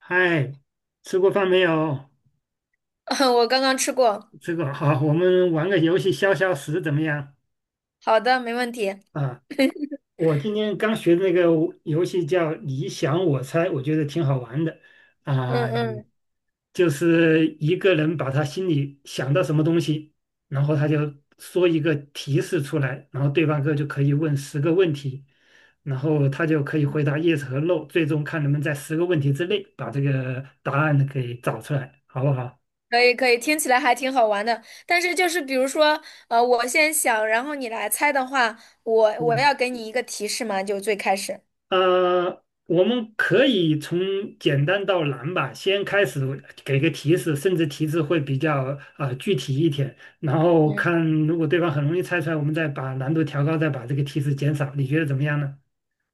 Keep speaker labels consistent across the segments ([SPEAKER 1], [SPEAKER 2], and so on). [SPEAKER 1] 嗨，吃过饭没有？
[SPEAKER 2] 我刚刚吃过。
[SPEAKER 1] 这个好，我们玩个游戏消消食怎么样？
[SPEAKER 2] 好的，没问题。
[SPEAKER 1] 啊，我今天刚学的那个游戏叫"你想我猜"，我觉得挺好玩的。啊，
[SPEAKER 2] 嗯嗯，
[SPEAKER 1] 就是一个人把他心里想到什么东西，然后他就说一个提示出来，然后对方哥就可以问十个问题，然后他就可以回答 yes 和 no，最终看能不能在十个问题之内把这个答案给找出来，好不好？
[SPEAKER 2] 可以可以，听起来还挺好玩的。但是就是比如说，我先想，然后你来猜的话，我要
[SPEAKER 1] 嗯。
[SPEAKER 2] 给你一个提示嘛，就最开始。
[SPEAKER 1] 我们可以从简单到难吧，先开始给个提示，甚至提示会比较具体一点，然后
[SPEAKER 2] 嗯，
[SPEAKER 1] 看如果对方很容易猜出来，我们再把难度调高，再把这个提示减少，你觉得怎么样呢？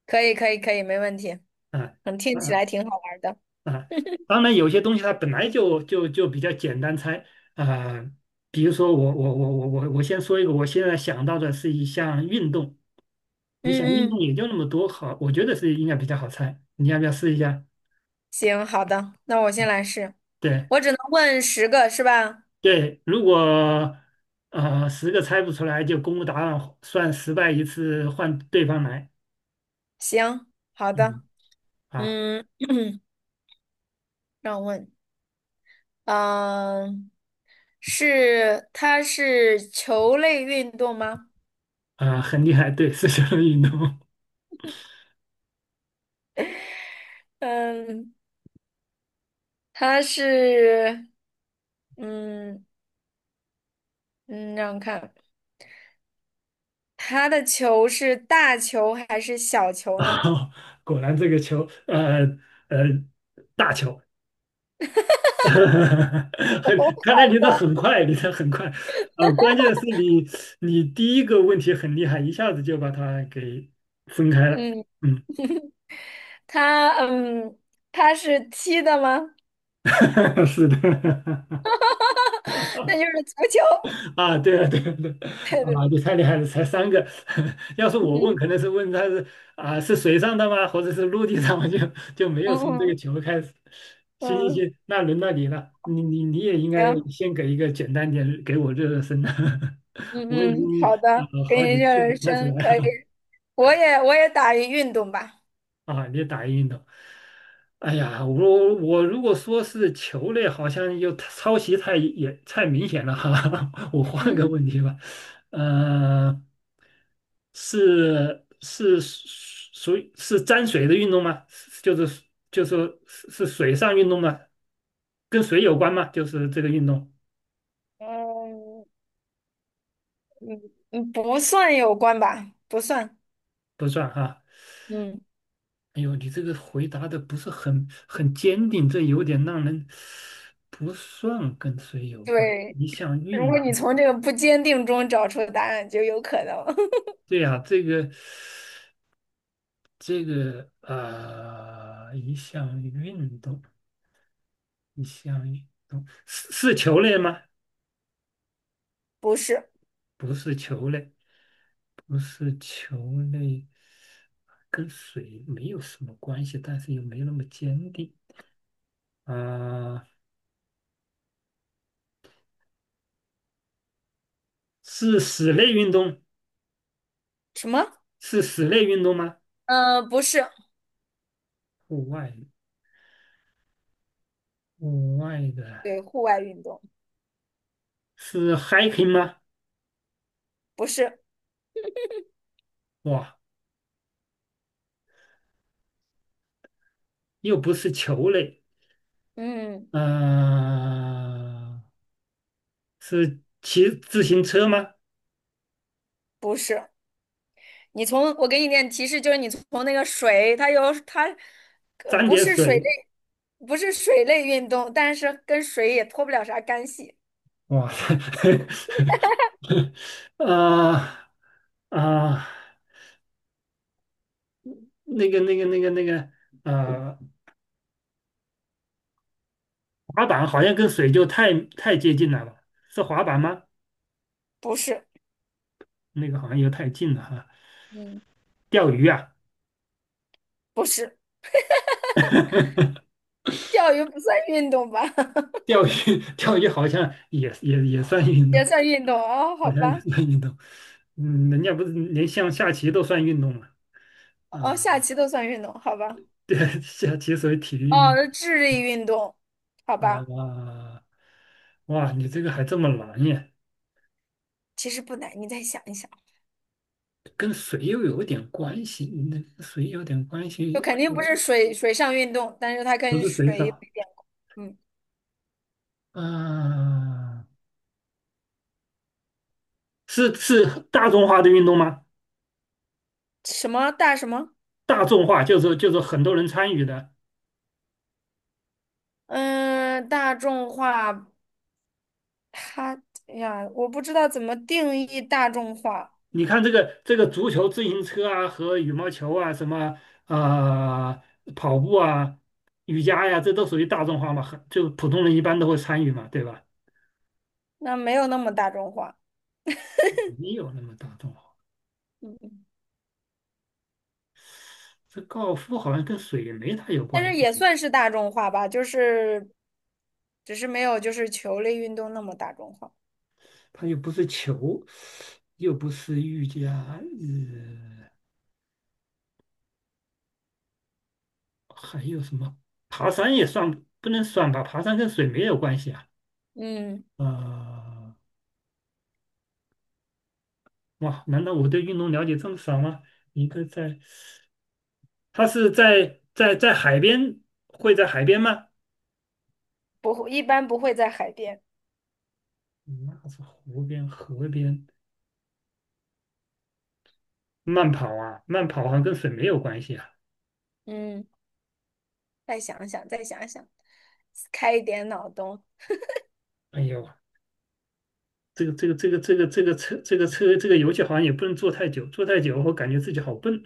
[SPEAKER 2] 可以可以可以，没问题。
[SPEAKER 1] 啊
[SPEAKER 2] 嗯，听起
[SPEAKER 1] 啊
[SPEAKER 2] 来挺好玩的。
[SPEAKER 1] 啊！当然，有些东西它本来就比较简单猜啊、呃比如说我先说一个，我现在想到的是一项运动，你想运
[SPEAKER 2] 嗯
[SPEAKER 1] 动
[SPEAKER 2] 嗯，
[SPEAKER 1] 也就那么多，好，我觉得是应该比较好猜，你要不要试一下？
[SPEAKER 2] 行，好的，那我先来试。
[SPEAKER 1] 对。
[SPEAKER 2] 我只能问十个是吧？
[SPEAKER 1] 对，如果十个猜不出来，就公布答案，算失败一次，换对方来。
[SPEAKER 2] 行，好
[SPEAKER 1] 嗯，
[SPEAKER 2] 的。
[SPEAKER 1] 啊
[SPEAKER 2] 嗯，让我问，嗯、是它是球类运动吗？
[SPEAKER 1] 啊，很厉害，对，是球类运动。
[SPEAKER 2] 嗯，他是，嗯嗯，让我看，他的球是大球还是小球呢？
[SPEAKER 1] 啊，果然这个球，呃，呃，大球。
[SPEAKER 2] 哦，
[SPEAKER 1] 很，看来
[SPEAKER 2] 好
[SPEAKER 1] 你的
[SPEAKER 2] 的，
[SPEAKER 1] 很快，你的很快。关键是你第一个问题很厉害，一下子就把它给分开了。
[SPEAKER 2] 嗯，他嗯，他是踢的吗？
[SPEAKER 1] 嗯。是的。
[SPEAKER 2] 那就 是足球。
[SPEAKER 1] 啊，对啊，对啊，对啊，啊你太厉害了，才三个。要是 我问，
[SPEAKER 2] 嗯
[SPEAKER 1] 可能是问他是是水上的吗，或者是陆地上吗？就没有从这个
[SPEAKER 2] 嗯
[SPEAKER 1] 球开始。行行
[SPEAKER 2] 嗯，
[SPEAKER 1] 行，那轮到你了，你也应该
[SPEAKER 2] 行，
[SPEAKER 1] 先给一个简单点，给我热热身啊。
[SPEAKER 2] 嗯
[SPEAKER 1] 我已
[SPEAKER 2] 嗯，
[SPEAKER 1] 经
[SPEAKER 2] 好的，给
[SPEAKER 1] 好
[SPEAKER 2] 你
[SPEAKER 1] 几
[SPEAKER 2] 热
[SPEAKER 1] 次
[SPEAKER 2] 热
[SPEAKER 1] 没猜出来
[SPEAKER 2] 身，可以。
[SPEAKER 1] 了。
[SPEAKER 2] 我也打一运动吧。
[SPEAKER 1] 啊，你打运动。哎呀，我如果说是球类，好像又太抄袭太也太明显了哈。我换个
[SPEAKER 2] 嗯，
[SPEAKER 1] 问题吧。呃，是属于是沾水的运动吗？是就是说是水上运动吗？跟水有关吗？就是这个运动
[SPEAKER 2] 嗯，嗯不算有关吧，不算。
[SPEAKER 1] 不算哈。
[SPEAKER 2] 嗯，
[SPEAKER 1] 哎呦，你这个回答的不是很坚定，这有点让人不算跟水有关。
[SPEAKER 2] 对。
[SPEAKER 1] 一项
[SPEAKER 2] 如
[SPEAKER 1] 运
[SPEAKER 2] 果你
[SPEAKER 1] 动，
[SPEAKER 2] 从这个不坚定中找出答案，就有可能
[SPEAKER 1] 对呀、这个一项运动，一项运动是球类吗？
[SPEAKER 2] 不是
[SPEAKER 1] 不是球类，不是球类，跟水没有什么关系，但是又没那么坚定啊、是室内运动，
[SPEAKER 2] 什么？
[SPEAKER 1] 是室内运动吗？
[SPEAKER 2] 嗯，不是，
[SPEAKER 1] 户外，户外的。
[SPEAKER 2] 对户外运动，
[SPEAKER 1] 是 hiking 吗？
[SPEAKER 2] 不是，
[SPEAKER 1] 哇，又不是球类。
[SPEAKER 2] 嗯，
[SPEAKER 1] 呃，是骑自行车吗？
[SPEAKER 2] 不是。你从我给你点提示，就是你从那个水，它有它，
[SPEAKER 1] 沾
[SPEAKER 2] 不
[SPEAKER 1] 点
[SPEAKER 2] 是水
[SPEAKER 1] 水，
[SPEAKER 2] 类，不是水类运动，但是跟水也脱不了啥干系。
[SPEAKER 1] 哇。啊啊，那个那个那个那个，呃，滑板好像跟水就太接近了吧？是滑板吗？
[SPEAKER 2] 不是，
[SPEAKER 1] 那个好像又太近了哈。
[SPEAKER 2] 嗯，
[SPEAKER 1] 钓鱼啊。
[SPEAKER 2] 不是，钓鱼不算运动吧？
[SPEAKER 1] 钓鱼，钓鱼好像也算运动。
[SPEAKER 2] 也算运动哦，好
[SPEAKER 1] 好像也
[SPEAKER 2] 吧，
[SPEAKER 1] 算运动。嗯，人家不是连像下棋都算运动嘛？
[SPEAKER 2] 哦，
[SPEAKER 1] 嗯，
[SPEAKER 2] 下棋都算运动，好吧，
[SPEAKER 1] 对，下棋属于体育运动
[SPEAKER 2] 哦，智力运动，好
[SPEAKER 1] 啊。
[SPEAKER 2] 吧。
[SPEAKER 1] 哇，哇，你这个还这么难耶？
[SPEAKER 2] 其实不难，你再想一想，
[SPEAKER 1] 跟水又有点关系，那个水有点关
[SPEAKER 2] 就
[SPEAKER 1] 系，
[SPEAKER 2] 肯定不是水上运动，但是它
[SPEAKER 1] 不
[SPEAKER 2] 跟
[SPEAKER 1] 是水手
[SPEAKER 2] 水有，嗯，
[SPEAKER 1] 啊？是大众化的运动吗？
[SPEAKER 2] 什么大什么，
[SPEAKER 1] 大众化就是很多人参与的。
[SPEAKER 2] 嗯，大众化，它哎呀，我不知道怎么定义大众化，
[SPEAKER 1] 你看这个足球、自行车啊和羽毛球啊，什么啊、跑步啊、瑜伽呀、这都属于大众化嘛，很就普通人一般都会参与嘛，对吧？
[SPEAKER 2] 那没有那么大众化，
[SPEAKER 1] 没有那么大众化。
[SPEAKER 2] 嗯，
[SPEAKER 1] 这高尔夫好像跟水没太有
[SPEAKER 2] 但
[SPEAKER 1] 关
[SPEAKER 2] 是
[SPEAKER 1] 系，
[SPEAKER 2] 也算是大众化吧，就是只是没有就是球类运动那么大众化，
[SPEAKER 1] 它又不是球，又不是瑜伽。还有什么？爬山也算不能算吧？爬山跟水没有关系啊。
[SPEAKER 2] 嗯，
[SPEAKER 1] 呃，哇，难道我对运动了解这么少吗？一个在它是在海边，会在海边吗？
[SPEAKER 2] 不会，一般不会在海边，
[SPEAKER 1] 那是湖边、河边慢跑啊，慢跑好像跟水没有关系啊。
[SPEAKER 2] 嗯，再想想，再想想，开一点脑洞。
[SPEAKER 1] 哎呦，这个这个这个这个这个车这个车这个游戏好像也不能坐太久，坐太久我感觉自己好笨。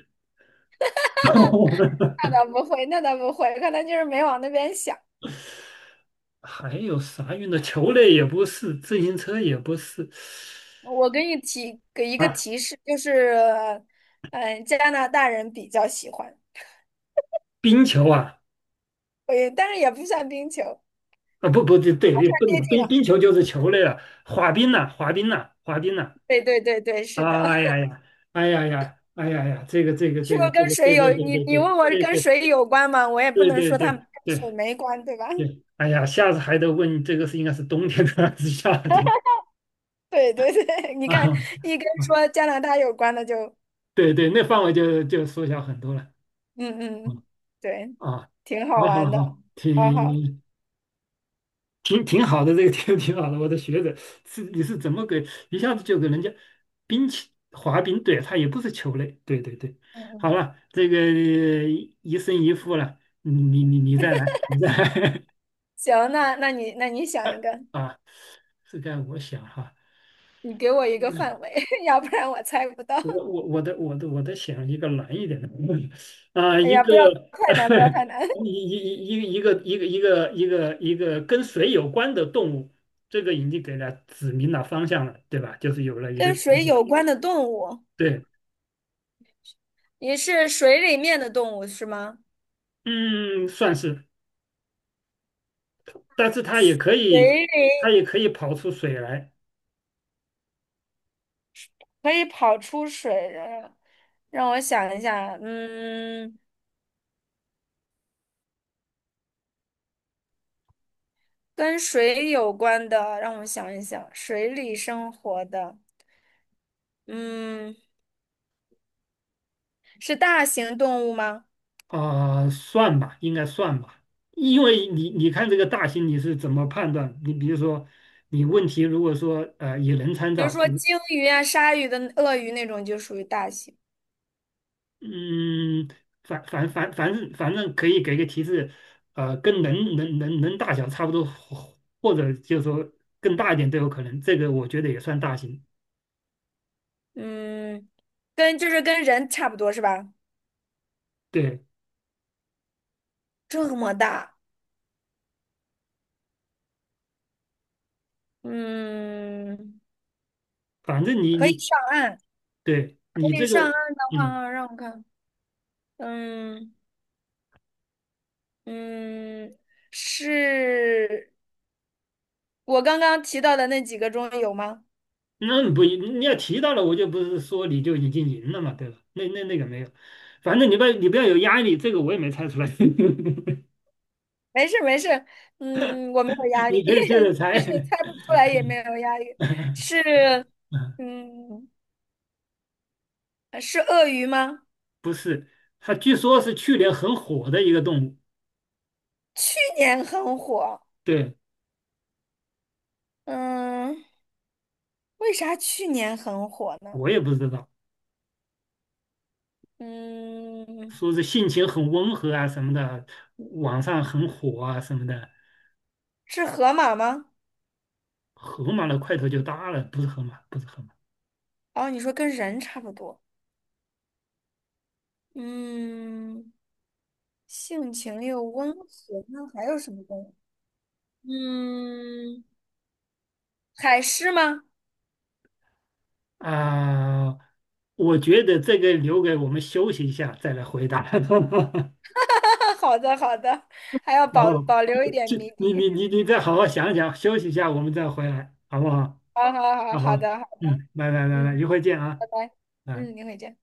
[SPEAKER 2] 那 倒不会，那倒不会，可能就是没往那边想。
[SPEAKER 1] 还有啥运动？球类也不是，自行车也不是。
[SPEAKER 2] 我给你提给一个
[SPEAKER 1] 啊，
[SPEAKER 2] 提示，就是，嗯，加拿大人比较喜欢，
[SPEAKER 1] 冰球啊，
[SPEAKER 2] 但是也不算冰球，还
[SPEAKER 1] 啊不对
[SPEAKER 2] 算
[SPEAKER 1] 对，不
[SPEAKER 2] 接近
[SPEAKER 1] 冰
[SPEAKER 2] 了。
[SPEAKER 1] 冰球就是球类了，滑冰呐、滑冰呐、滑冰呐、
[SPEAKER 2] 对对对对，是的，
[SPEAKER 1] 哎 呀呀，哎呀呀，哎呀呀，
[SPEAKER 2] 是不是跟水
[SPEAKER 1] 对
[SPEAKER 2] 有？
[SPEAKER 1] 对对
[SPEAKER 2] 你
[SPEAKER 1] 对
[SPEAKER 2] 你问我
[SPEAKER 1] 对对
[SPEAKER 2] 跟
[SPEAKER 1] 对
[SPEAKER 2] 水有关吗？我也不
[SPEAKER 1] 对
[SPEAKER 2] 能
[SPEAKER 1] 对
[SPEAKER 2] 说它跟
[SPEAKER 1] 对对
[SPEAKER 2] 水没关，对吧？
[SPEAKER 1] 对，哎呀，下次还得问这个是应该是冬天的还是夏天
[SPEAKER 2] 对对对，你看，
[SPEAKER 1] 啊？
[SPEAKER 2] 一跟
[SPEAKER 1] 啊
[SPEAKER 2] 说加拿大有关的就，
[SPEAKER 1] 对对，那范围就缩小很多了。
[SPEAKER 2] 嗯嗯，对，
[SPEAKER 1] 啊，啊
[SPEAKER 2] 挺
[SPEAKER 1] 好
[SPEAKER 2] 好
[SPEAKER 1] 好
[SPEAKER 2] 玩的，
[SPEAKER 1] 好，
[SPEAKER 2] 好好，
[SPEAKER 1] 挺好的，这个挺好的。我的学者是你是怎么给一下子就给人家冰球滑冰？对，他也不是球类。对对对，
[SPEAKER 2] 嗯嗯，
[SPEAKER 1] 好了，这个一胜一负了，你再来，你再来。
[SPEAKER 2] 行，那那你那你想一个，
[SPEAKER 1] 啊！这该我想哈。
[SPEAKER 2] 你给我一个范围，要不然我猜不到。
[SPEAKER 1] 我的想一个难一点的。 啊，
[SPEAKER 2] 哎
[SPEAKER 1] 一
[SPEAKER 2] 呀，
[SPEAKER 1] 个
[SPEAKER 2] 不要太 难，不要太难。
[SPEAKER 1] 一一一个跟水有关的动物，这个已经给了指明了方向了，对吧？就是有了一个
[SPEAKER 2] 跟水有关的动物，
[SPEAKER 1] 对，
[SPEAKER 2] 你是水里面的动物是吗？
[SPEAKER 1] 嗯，算是，但是它也可以，
[SPEAKER 2] 水
[SPEAKER 1] 它
[SPEAKER 2] 里
[SPEAKER 1] 也可以跑出水来
[SPEAKER 2] 可以跑出水的，让我想一下，嗯，跟水有关的，让我想一想，水里生活的，嗯，是大型动物吗？
[SPEAKER 1] 啊，算吧，应该算吧，因为你看这个大型你是怎么判断？你比如说，你问题如果说也能参
[SPEAKER 2] 比如
[SPEAKER 1] 照，
[SPEAKER 2] 说鲸鱼啊、鲨鱼的、鳄鱼那种就属于大型，
[SPEAKER 1] 嗯，反正可以给个提示。跟能大小差不多，或者就是说更大一点都有可能。这个我觉得也算大型。
[SPEAKER 2] 嗯，跟就是跟人差不多是吧？
[SPEAKER 1] 对，
[SPEAKER 2] 这么大，嗯，
[SPEAKER 1] 反正你
[SPEAKER 2] 可以
[SPEAKER 1] 你
[SPEAKER 2] 上岸。
[SPEAKER 1] 对
[SPEAKER 2] 可
[SPEAKER 1] 你
[SPEAKER 2] 以
[SPEAKER 1] 这个。
[SPEAKER 2] 上岸的
[SPEAKER 1] 嗯，
[SPEAKER 2] 话，让我看，嗯嗯，是我刚刚提到的那几个中有吗？
[SPEAKER 1] 那不一你要提到了，我就不是说你就已经赢了嘛，对吧？那那个没有，反正你不要有压力，这个我也没猜出来。
[SPEAKER 2] 没事没事，嗯，我没有 压
[SPEAKER 1] 你
[SPEAKER 2] 力，
[SPEAKER 1] 可以接着
[SPEAKER 2] 就
[SPEAKER 1] 猜。
[SPEAKER 2] 是猜不出来也没有压力。是，嗯，是鳄鱼吗？
[SPEAKER 1] 不是，它据说是去年很火的一个动物，
[SPEAKER 2] 去年很火，
[SPEAKER 1] 对，
[SPEAKER 2] 嗯，为啥去年很火呢？
[SPEAKER 1] 我也不知道。
[SPEAKER 2] 嗯，
[SPEAKER 1] 说是性情很温和啊什么的，网上很火啊什么的。
[SPEAKER 2] 是河马吗？
[SPEAKER 1] 河马的块头就大了，不是河马，不是河马
[SPEAKER 2] 哦，你说跟人差不多，嗯。性情又温和，那还有什么动物？嗯，海狮吗？
[SPEAKER 1] 啊、我觉得这个留给我们休息一下再来回答。
[SPEAKER 2] 好的，好的，还要保
[SPEAKER 1] 哦，
[SPEAKER 2] 保
[SPEAKER 1] 就
[SPEAKER 2] 留一点
[SPEAKER 1] 就
[SPEAKER 2] 谜
[SPEAKER 1] 你
[SPEAKER 2] 底。
[SPEAKER 1] 你你 你再好好想想，休息一下，我们再回来，好不好？
[SPEAKER 2] 好好好，
[SPEAKER 1] 好
[SPEAKER 2] 好
[SPEAKER 1] 好，
[SPEAKER 2] 的，好，
[SPEAKER 1] 嗯，拜拜拜拜，
[SPEAKER 2] 嗯，
[SPEAKER 1] 一会儿见啊，
[SPEAKER 2] 拜拜，
[SPEAKER 1] 拜。
[SPEAKER 2] 嗯，你回见。